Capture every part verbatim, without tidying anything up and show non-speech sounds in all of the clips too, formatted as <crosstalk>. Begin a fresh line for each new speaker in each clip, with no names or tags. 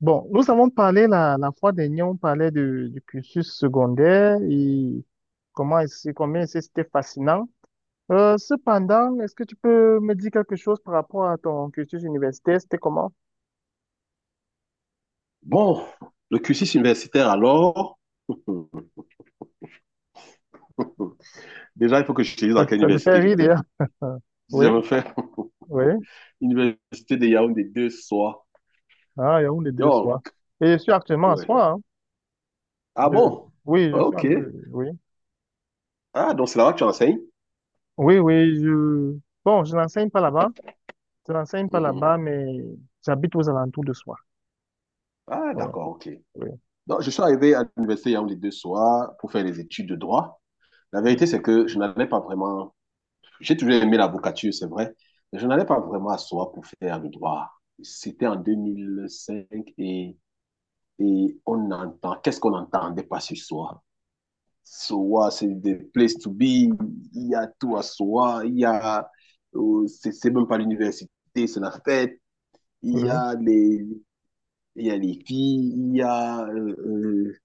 Bon, nous avons parlé la, la fois dernière, on parlait de- du cursus secondaire et comment est-ce, combien est-ce que c'était fascinant. Euh, cependant, est-ce que tu peux me dire quelque chose par rapport à ton cursus universitaire? C'était comment?
Bon, le cursus universitaire alors. <laughs> Déjà, il faut que je te dise
Ça,
dans
te
quelle
ça te fait
université
rire,
j'étais.
d'ailleurs. <laughs>
Si
Oui,
j'avais fait
oui.
<laughs> l'université de Yaoundé deux soirs.
Ah, il y a une des deux soirs.
Donc,
Et je suis actuellement à
ouais.
soi, hein.
Ah
Je-
bon?
oui, je suis
Ok.
en... Oui,
Ah, donc c'est là-bas que tu enseignes?
oui, oui. Je, bon, je n'enseigne pas là-bas. Je n'enseigne pas
Mhm.
là-bas, mais j'habite aux alentours de soi.
Ah,
Oui,
d'accord, ok.
oui,
Donc, je suis arrivé à l'université Yaoundé deux soirs pour faire les études de droit. La
oui,
vérité, c'est que je n'allais pas vraiment. J'ai toujours aimé l'avocature, c'est vrai, mais je n'allais pas vraiment à soi pour faire le droit. C'était en deux mille cinq. Et Et on entend, qu'est-ce qu'on n'entendait pas ce soir? Soa, c'est des places to be, il y a tout à Soa, il y a, euh, c'est c'est même pas l'université, c'est la fête, il y
oui,
a les, il y a les filles, il y a, euh,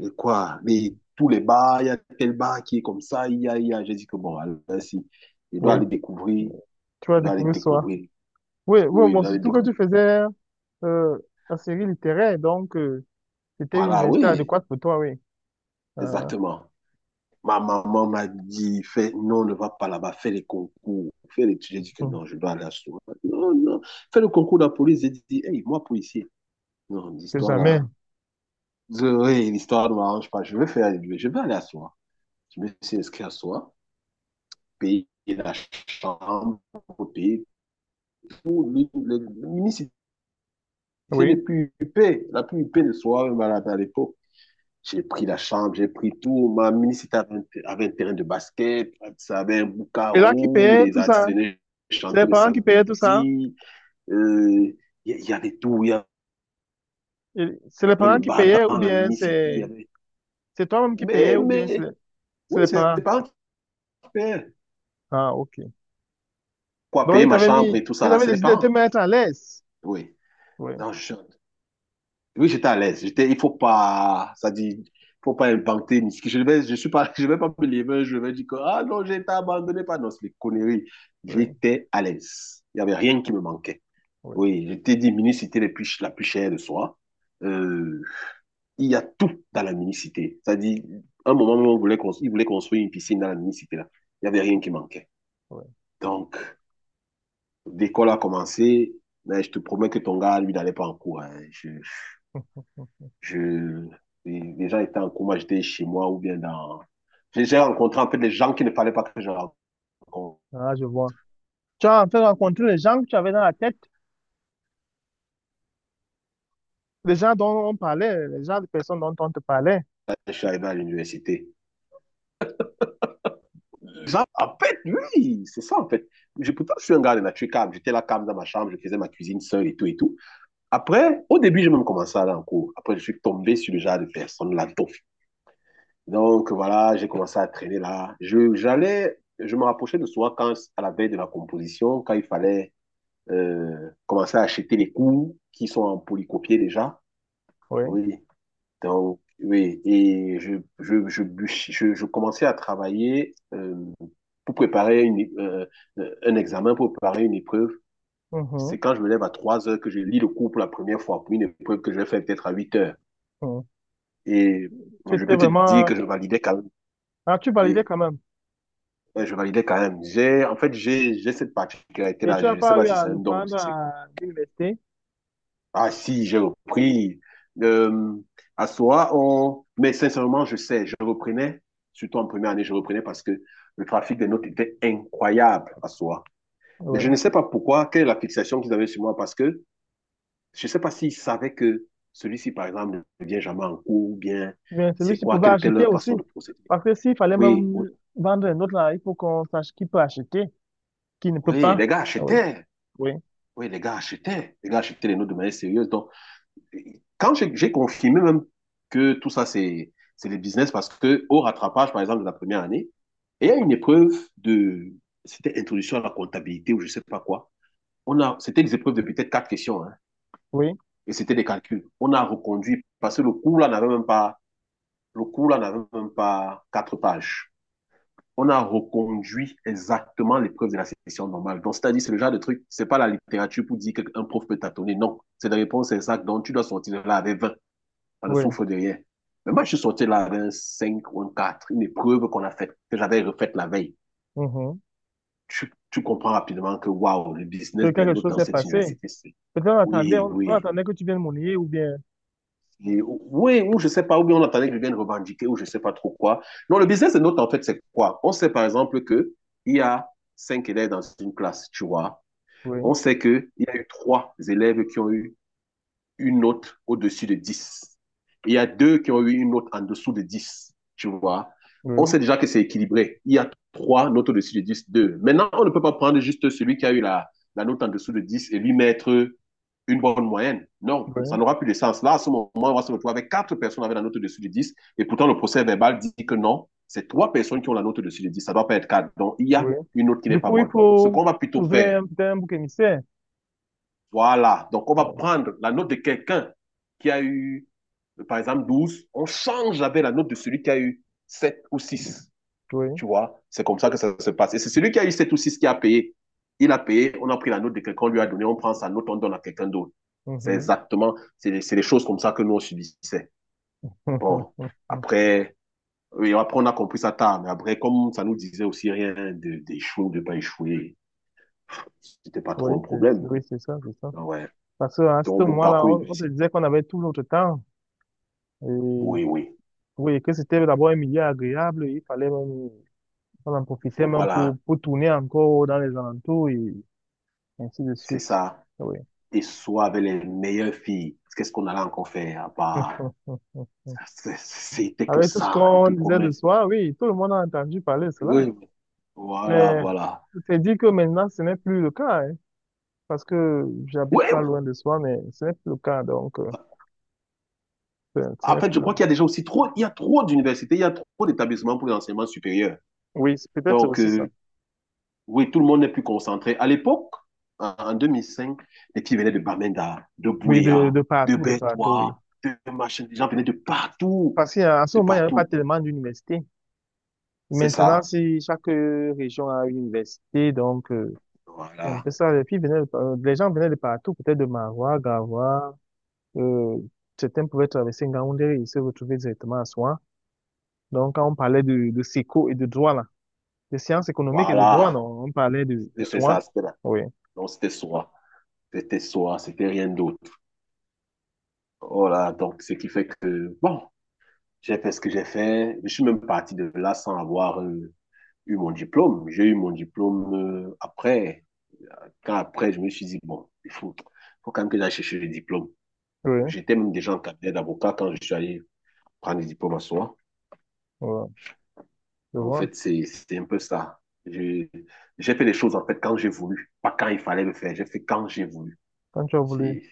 euh, quoi, les, tous les bars, il y a tel bar qui est comme ça, il y a, il y a, j'ai dit que bon, alors, si, je dois
oui.
aller découvrir,
Tu vas
il doit aller
découvrir soi.
découvrir,
Oui, oui,
oui, je
moi,
dois aller
surtout que
découvrir,
tu faisais euh, la série littéraire, donc euh, c'était une
voilà,
université
oui,
adéquate pour toi, oui. Euh,
exactement. Ma maman m'a dit, fais, non, ne va pas là-bas, fais les concours, fais les études. J'ai dit que
hum,
non, je dois aller à Souma. Non, non, fais le concours de la police. J'ai dit, hey, moi, policier. Non,
que
l'histoire
jamais,
là, je- oui, l'histoire ne m'arrange pas. Je vais faire, je vais aller à Souma. Je me suis inscrit à Souma, payer la chambre, payer tout. le- le- L'unicité
oui.
plus huppée, la plus huppée de Souma, même à l'époque. J'ai pris la chambre, j'ai pris tout. Ma municipalité avait un, ter- avait un terrain de basket, ça avait un
Et là, qui
boucarou,
payait
les
tout
artistes
ça?
venaient
C'est les
chanter le
parents qui payaient tout ça?
samedi. Euh, Il y, il y avait tout, il y avait
Et c'est les
le
parents qui
bar
payaient ou
dans la
bien
municipalité. Il y
c'est
avait...
c'est toi-même qui payais
Mais,
ou bien c'est
mais,
les, c'est
oui,
les
c'est
parents?
les parents qui paient.
Ah, ok.
Quoi,
Donc,
payer
ils
ma
t'avaient
chambre et
mis,
tout ça,
ils
là,
avaient
c'est les
décidé de te
parents.
mettre à l'aise.
Oui.
Oui,
Donc, je, oui, j'étais à l'aise. J'étais, il faut pas, ça dit, faut pas inventer. Ni ce que- Je vais, je suis pas, <laughs> je vais pas me lever, je vais dire que, ah non, j'ai été abandonné par, non, c'est les conneries.
oui,
J'étais à l'aise. Il y avait rien qui me manquait.
oui,
Oui, j'étais dit, minicité la plus, la plus chère de soi. Euh, il y a tout dans la minicité. Ça dit, un moment, on voulait construire, ils voulaient construire une piscine dans la minicité, là. Il y avait rien qui manquait.
oui.
Donc, l'école a commencé, mais je te promets que ton gars, lui, n'allait pas en cours, hein. Je- Je, les, gens étaient en coma, j'étais chez moi ou bien dans. J'ai rencontré en fait des gens qui ne fallait pas que je rencontre.
Ah, je vois. Tu as en fait rencontré les gens que tu avais dans la tête. Les gens dont on parlait, les gens, les personnes dont on te parlait.
Je suis arrivé à l'université. En fait, oui, c'est ça en fait. Je, pourtant, je suis un gars de nature calme. J'étais là calme dans ma chambre, je faisais ma cuisine seule et tout et tout. Après, au début, j'ai même commencé à aller en cours. Après, je suis tombé sur le genre de personne, la toffe. Donc voilà, j'ai commencé à traîner là. Je, j'allais, je me rapprochais de soi quand, à la veille de la composition, quand il fallait euh, commencer à acheter les cours qui sont en polycopier déjà.
Oui.
Oui. Donc, oui. Et je, je, je, bûch- je, je commençais à travailler euh, pour préparer une, é- euh, euh, un examen, pour préparer une épreuve. C'est
Mhm.
quand je me lève à trois heures que je lis le cours pour la première fois, pour une épreuve que je vais faire peut-être à huit heures.
Mhm.
Et je
C'était
peux te dire que
vraiment...
je validais quand même.
Ah, tu
Oui.
validais quand même.
Ouais, je validais quand même. J'ai, en fait, j'ai, j'ai cette
Et tu
particularité-là. Je
n'as
ne sais
pas
pas
eu
si
à
c'est un don ou
reprendre
si c'est quoi.
à l'université?
Ah si, j'ai repris. Euh, à soi, on... Mais sincèrement, je sais, je reprenais, surtout en première année, je reprenais parce que le trafic des notes était incroyable à soi. Mais je ne
Oui.
sais pas pourquoi, quelle est la fixation qu'ils avaient sur moi, parce que je ne sais pas s'ils savaient que celui-ci, par exemple, ne vient jamais en cours, ou bien
Bien,
c'est
celui-ci
quoi,
pouvait
quelle était
acheter
leur
aussi.
façon de procéder.
Parce que s'il fallait
Oui, oui,
même vendre un autre, là, il faut qu'on sache qui peut acheter, qui ne peut
oui,
pas.
les gars
Ah, oui,
achetaient.
oui,
Oui, les gars achetaient. Les gars achetaient les notes de manière sérieuse. Donc, quand j'ai confirmé même que tout ça, c'est c'est les business parce que au rattrapage, par exemple, de la première année, il y a une épreuve de, c'était introduction à la comptabilité ou je ne sais pas quoi. On a, c'était des épreuves de peut-être quatre questions, hein,
oui,
et c'était des calculs. On a reconduit parce que le cours là n'avait même pas, le cours là n'avait même pas quatre pages. On a reconduit exactement l'épreuve de la session normale. Donc, c'est-à-dire, c'est le genre de truc, c'est pas la littérature pour dire qu'un prof peut tâtonner. Non. C'est la réponse exacte. Donc, tu dois sortir de là avec vingt, ça ne
oui.
souffre de rien. Mais moi, je suis sorti là avec un cinq ou un quatre, une épreuve qu'on a faite, que j'avais refaite la veille.
Mhm.
Tu, tu comprends rapidement que, waouh, le
Que
business des
quelque
notes
chose
dans
s'est
cette
passé.
université, c'est...
Peut-être on attendait,
Oui,
on, on
oui.
attendait que tu viennes monnayer ou bien.
Et, oui, ou je sais pas, ou bien on attendait qu'ils viennent revendiquer, ou je sais pas trop quoi. Non, le business des notes, en fait, c'est quoi? On sait, par exemple, que il y a cinq élèves dans une classe, tu vois.
Oui,
On sait qu'il y a eu trois élèves qui ont eu une note au-dessus de dix. Il y a deux qui ont eu une note en dessous de dix, tu vois. On
oui,
sait déjà que c'est équilibré. Il y a trois notes au-dessus de dix. Deux. Maintenant, on ne peut pas prendre juste celui qui a eu la, la note en dessous de dix et lui mettre une bonne moyenne. Non, ça
oui,
n'aura plus de sens. Là, à ce moment, on va se retrouver avec quatre personnes avec la note au-dessus de dix et pourtant le procès verbal dit que non, c'est trois personnes qui ont la note au-dessus de dix. Ça ne doit pas être quatre. Donc, il y a
oui.
une note qui n'est
Du
pas
coup, il
bonne. Ce
faut
qu'on va plutôt
trouver
faire,
un, peut-être un bouc émissaire.
voilà. Donc, on va
Oui,
prendre la note de quelqu'un qui a eu, par exemple, douze. On change avec la note de celui qui a eu sept ou six.
oui.
Tu vois, c'est comme ça que ça se passe. Et c'est celui qui a eu sept ou six qui a payé. Il a payé, on a pris la note de quelqu'un, on lui a donné, on prend sa note, on donne à quelqu'un d'autre. C'est
Mhm.
exactement, c'est les, choses comme ça que nous, on subissait. Bon,
<laughs>
après, oui, après, on a compris ça tard, mais après, comme ça nous disait aussi rien de- d'échouer ou de ne pas échouer, c'était pas
Oui,
trop un
c'est c'est-
problème.
oui, c'est ça, c'est ça.
Ah ouais.
Parce qu'à ce
Donc, mon
moment-là,
parcours
on, on te
universitaire,
disait qu'on avait tout notre temps. Et
oui, oui.
oui, que c'était d'abord un milieu agréable, il fallait même, on en profitait même
Voilà,
pour, pour tourner encore dans les alentours et ainsi de
c'est
suite.
ça.
Oui.
Et soit avec les meilleures filles. Qu'est-ce qu'on allait encore faire, bah.
<laughs>
C'était que
Avec tout ce
ça, je
qu'on
te
disait le
promets. c'était-
soir, oui, tout le monde a entendu parler de cela.
Oui, voilà,
Mais
voilà.
je t'ai dit que maintenant, ce n'est plus le cas, hein, parce que j'habite
Oui,
pas loin de soi, mais ce n'est plus le cas, donc, euh, ce ce
en
n'est
fait, je
plus...
crois qu'il y a déjà aussi trop, il y a trop d'universités, il y a trop d'établissements pour l'enseignement supérieur.
Oui, c'est peut-être
Donc,
aussi ça.
euh, oui, tout le monde n'est plus concentré. À l'époque, en en deux mille cinq les filles venaient de Bamenda, de
Oui, de,
Bouéa,
de
de
partout, de partout, oui.
Bertois, de machin. Les gens venaient de partout,
Parce qu'à ce
de
moment, il n'y avait pas
partout.
tellement d'universités.
C'est
Maintenant,
ça.
si chaque euh, région a une université, donc euh, c'est un
Voilà,
peu ça, les filles venaient, de par- les gens venaient de partout, peut-être de Marois, Garoua, euh, certains pouvaient traverser Ngaoundéré et se retrouver directement à Soin. Donc, quand on parlait de, de séco et de droit, là, de sciences économiques et de droit,
voilà.
non, on parlait de, de
Et c'est
Soin.
ça, c'était là.
Oui.
Donc, c'était soi. C'était soi, c'était rien d'autre. Voilà, donc, ce qui fait que, bon, j'ai fait ce que j'ai fait. Je suis même parti de là sans avoir euh, eu mon diplôme. J'ai eu mon diplôme euh, après. Quand après, je me suis dit, bon, il faut, faut quand même que j'aille chercher le diplôme.
Oui,
J'étais même déjà en cabinet d'avocat quand je suis allé prendre le diplôme à soi.
voilà, je
En
vois.
fait, c'est, c'est un peu ça. Je- J'ai fait les choses, en fait, quand j'ai voulu. Pas quand il fallait le faire. J'ai fait quand j'ai voulu.
Quand tu as voulu.
C'est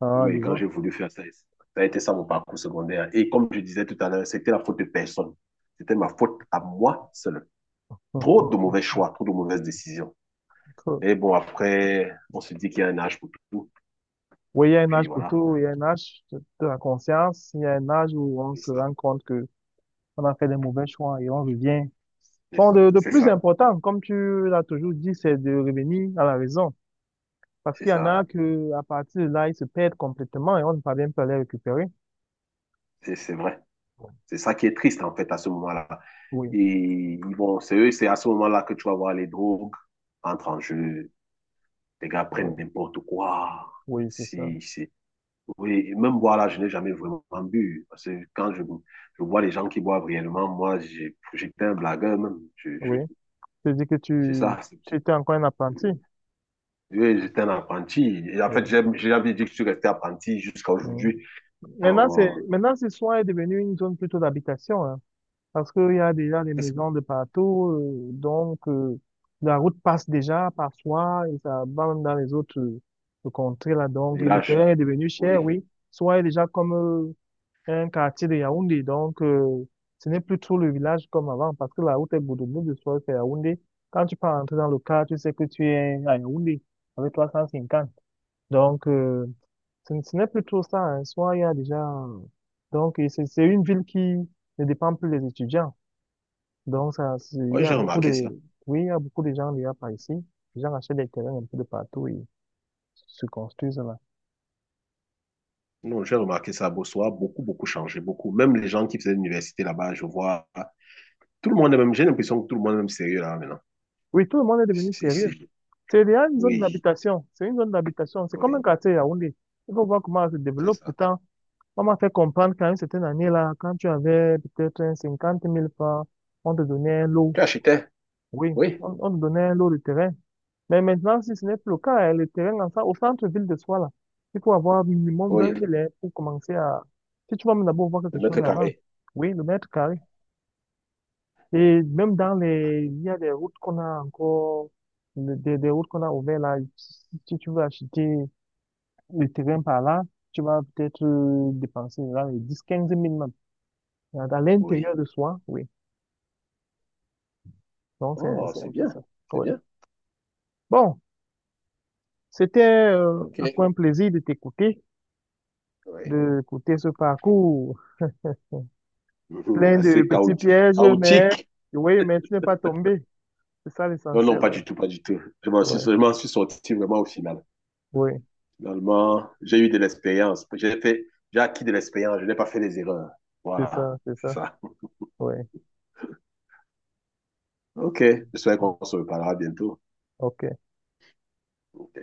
Ah, je
Oui, quand
vois.
j'ai voulu faire ça, ça a été ça mon parcours secondaire. Et comme je disais tout à l'heure, c'était la faute de personne. C'était ma faute à moi seul. Trop de mauvais choix, trop de mauvaises décisions. Et
<laughs>
bon, après, on se dit qu'il y a un âge pour tout.
Oui, il y a un
Puis
âge pour
voilà,
tout, il y a un âge de de la conscience, il y a un âge où on
c'est
se
ça,
rend compte que on a fait des mauvais choix et on revient.
c'est
Bon,
ça,
de, de
c'est
plus
ça,
important, comme tu l'as toujours dit, c'est de revenir à la raison. Parce
c'est
qu'il y en
ça,
a que, à partir de là, ils se perdent complètement et on ne parvient pas à les récupérer.
c'est c'est vrai. C'est ça qui est triste en fait à ce moment-là.
Oui,
Et ils vont, c'est eux, c'est à ce moment-là que tu vas voir les drogues entrent en jeu. Les gars
oui,
prennent n'importe quoi.
oui, c'est ça.
Si, si, oui, et même boire là, je n'ai jamais vraiment bu. Parce que quand je, je vois les gens qui boivent réellement, moi, j'ai- j'étais un blagueur même. Je, je,
Oui. C'est-à-dire que
c'est
tu,
ça. c'est-
tu étais encore un apprenti.
Oui, j'étais un apprenti. Et en fait,
Ouais.
j'ai j'ai jamais dit que je suis resté apprenti jusqu'à
Mhm.
aujourd'hui.
Maintenant, c'est,
Dans
maintenant, ce soir est devenu une zone plutôt d'habitation, hein. Parce qu'il y a déjà des
ce
maisons de partout, euh, donc euh, la route passe déjà parfois et ça va même dans les autres euh, contrées là. Donc, et le
village,
terrain est devenu cher,
oui.
oui. Soit il est déjà comme euh, un quartier de Yaoundé, donc euh, ce n'est plus trop le village comme avant parce que la route est bout de soit c'est Yaoundé. Quand tu peux rentrer dans le car, tu sais que tu es à Yaoundé avec trois cent cinquante. Donc, euh, ce, n- ce n'est plus trop ça, hein. Soit il y a déjà donc et c'est c'est une ville qui ne dépend plus des étudiants. Donc, ça, c'est- il y
Oui,
a
j'ai
beaucoup
remarqué ça.
de, oui, il y a beaucoup de gens déjà par ici. Les gens achètent des terrains un peu de partout et se construisent là.
Non, j'ai remarqué ça à Bossoa, beaucoup, beaucoup changé, beaucoup. Même les gens qui faisaient l'université là-bas, je vois, tout le monde est même, j'ai l'impression que tout le monde est même sérieux là maintenant.
Oui, tout le monde est devenu
Si,
sérieux.
si.
C'est déjà une zone
Oui,
d'habitation. C'est une zone d'habitation. C'est comme un
oui,
quartier à Yaoundé. Il faut voir comment ça se
c'est
développe.
ça.
Pourtant, on m'a fait comprendre qu'à une certaine année là, quand tu avais peut-être un cinquante mille francs, on te donnait un lot.
Tu achetais?
Oui,
Oui,
on, on te donnait un lot de terrain. Mais maintenant, si ce n'est plus le cas, hein, le terrain en, ça, au centre-ville de soi, là, il faut avoir minimum 20
oui.
000 hein, pour commencer à... Si tu vas même d'abord voir
Le
quelque
mètre
chose avant,
carré,
oui, le mètre carré. Et même dans les... Il y a des routes qu'on a encore, le- des, des routes qu'on a ouvertes là. Si si tu veux acheter le terrain par là, tu vas peut-être euh, dépenser là, les dix-quinze mille même. Dans dans
oui.
l'intérieur de soi, oui. Donc, c'est
Oh,
c'est un
c'est
peu
bien,
ça.
c'est
Oui.
bien.
Bon, c'était euh,
OK.
encore un plaisir de t'écouter,
Oui.
de écouter ce parcours.
Mhm,
Plein de
assez
petits
chaotique.
pièges, mais
Chaotique.
oui, mais tu n'es pas tombé. C'est ça
Non, non,
l'essentiel.
pas du tout, pas du tout. Je m'en suis,
Oui,
je m'en suis sorti vraiment au final.
oui,
Finalement, j'ai eu de l'expérience. J'ai fait, j'ai acquis de l'expérience. Je n'ai pas fait les erreurs.
c'est
Voilà,
ça, c'est
c'est
ça.
ça.
Oui,
OK. J'espère qu'on se reparlera bientôt.
ok.
OK.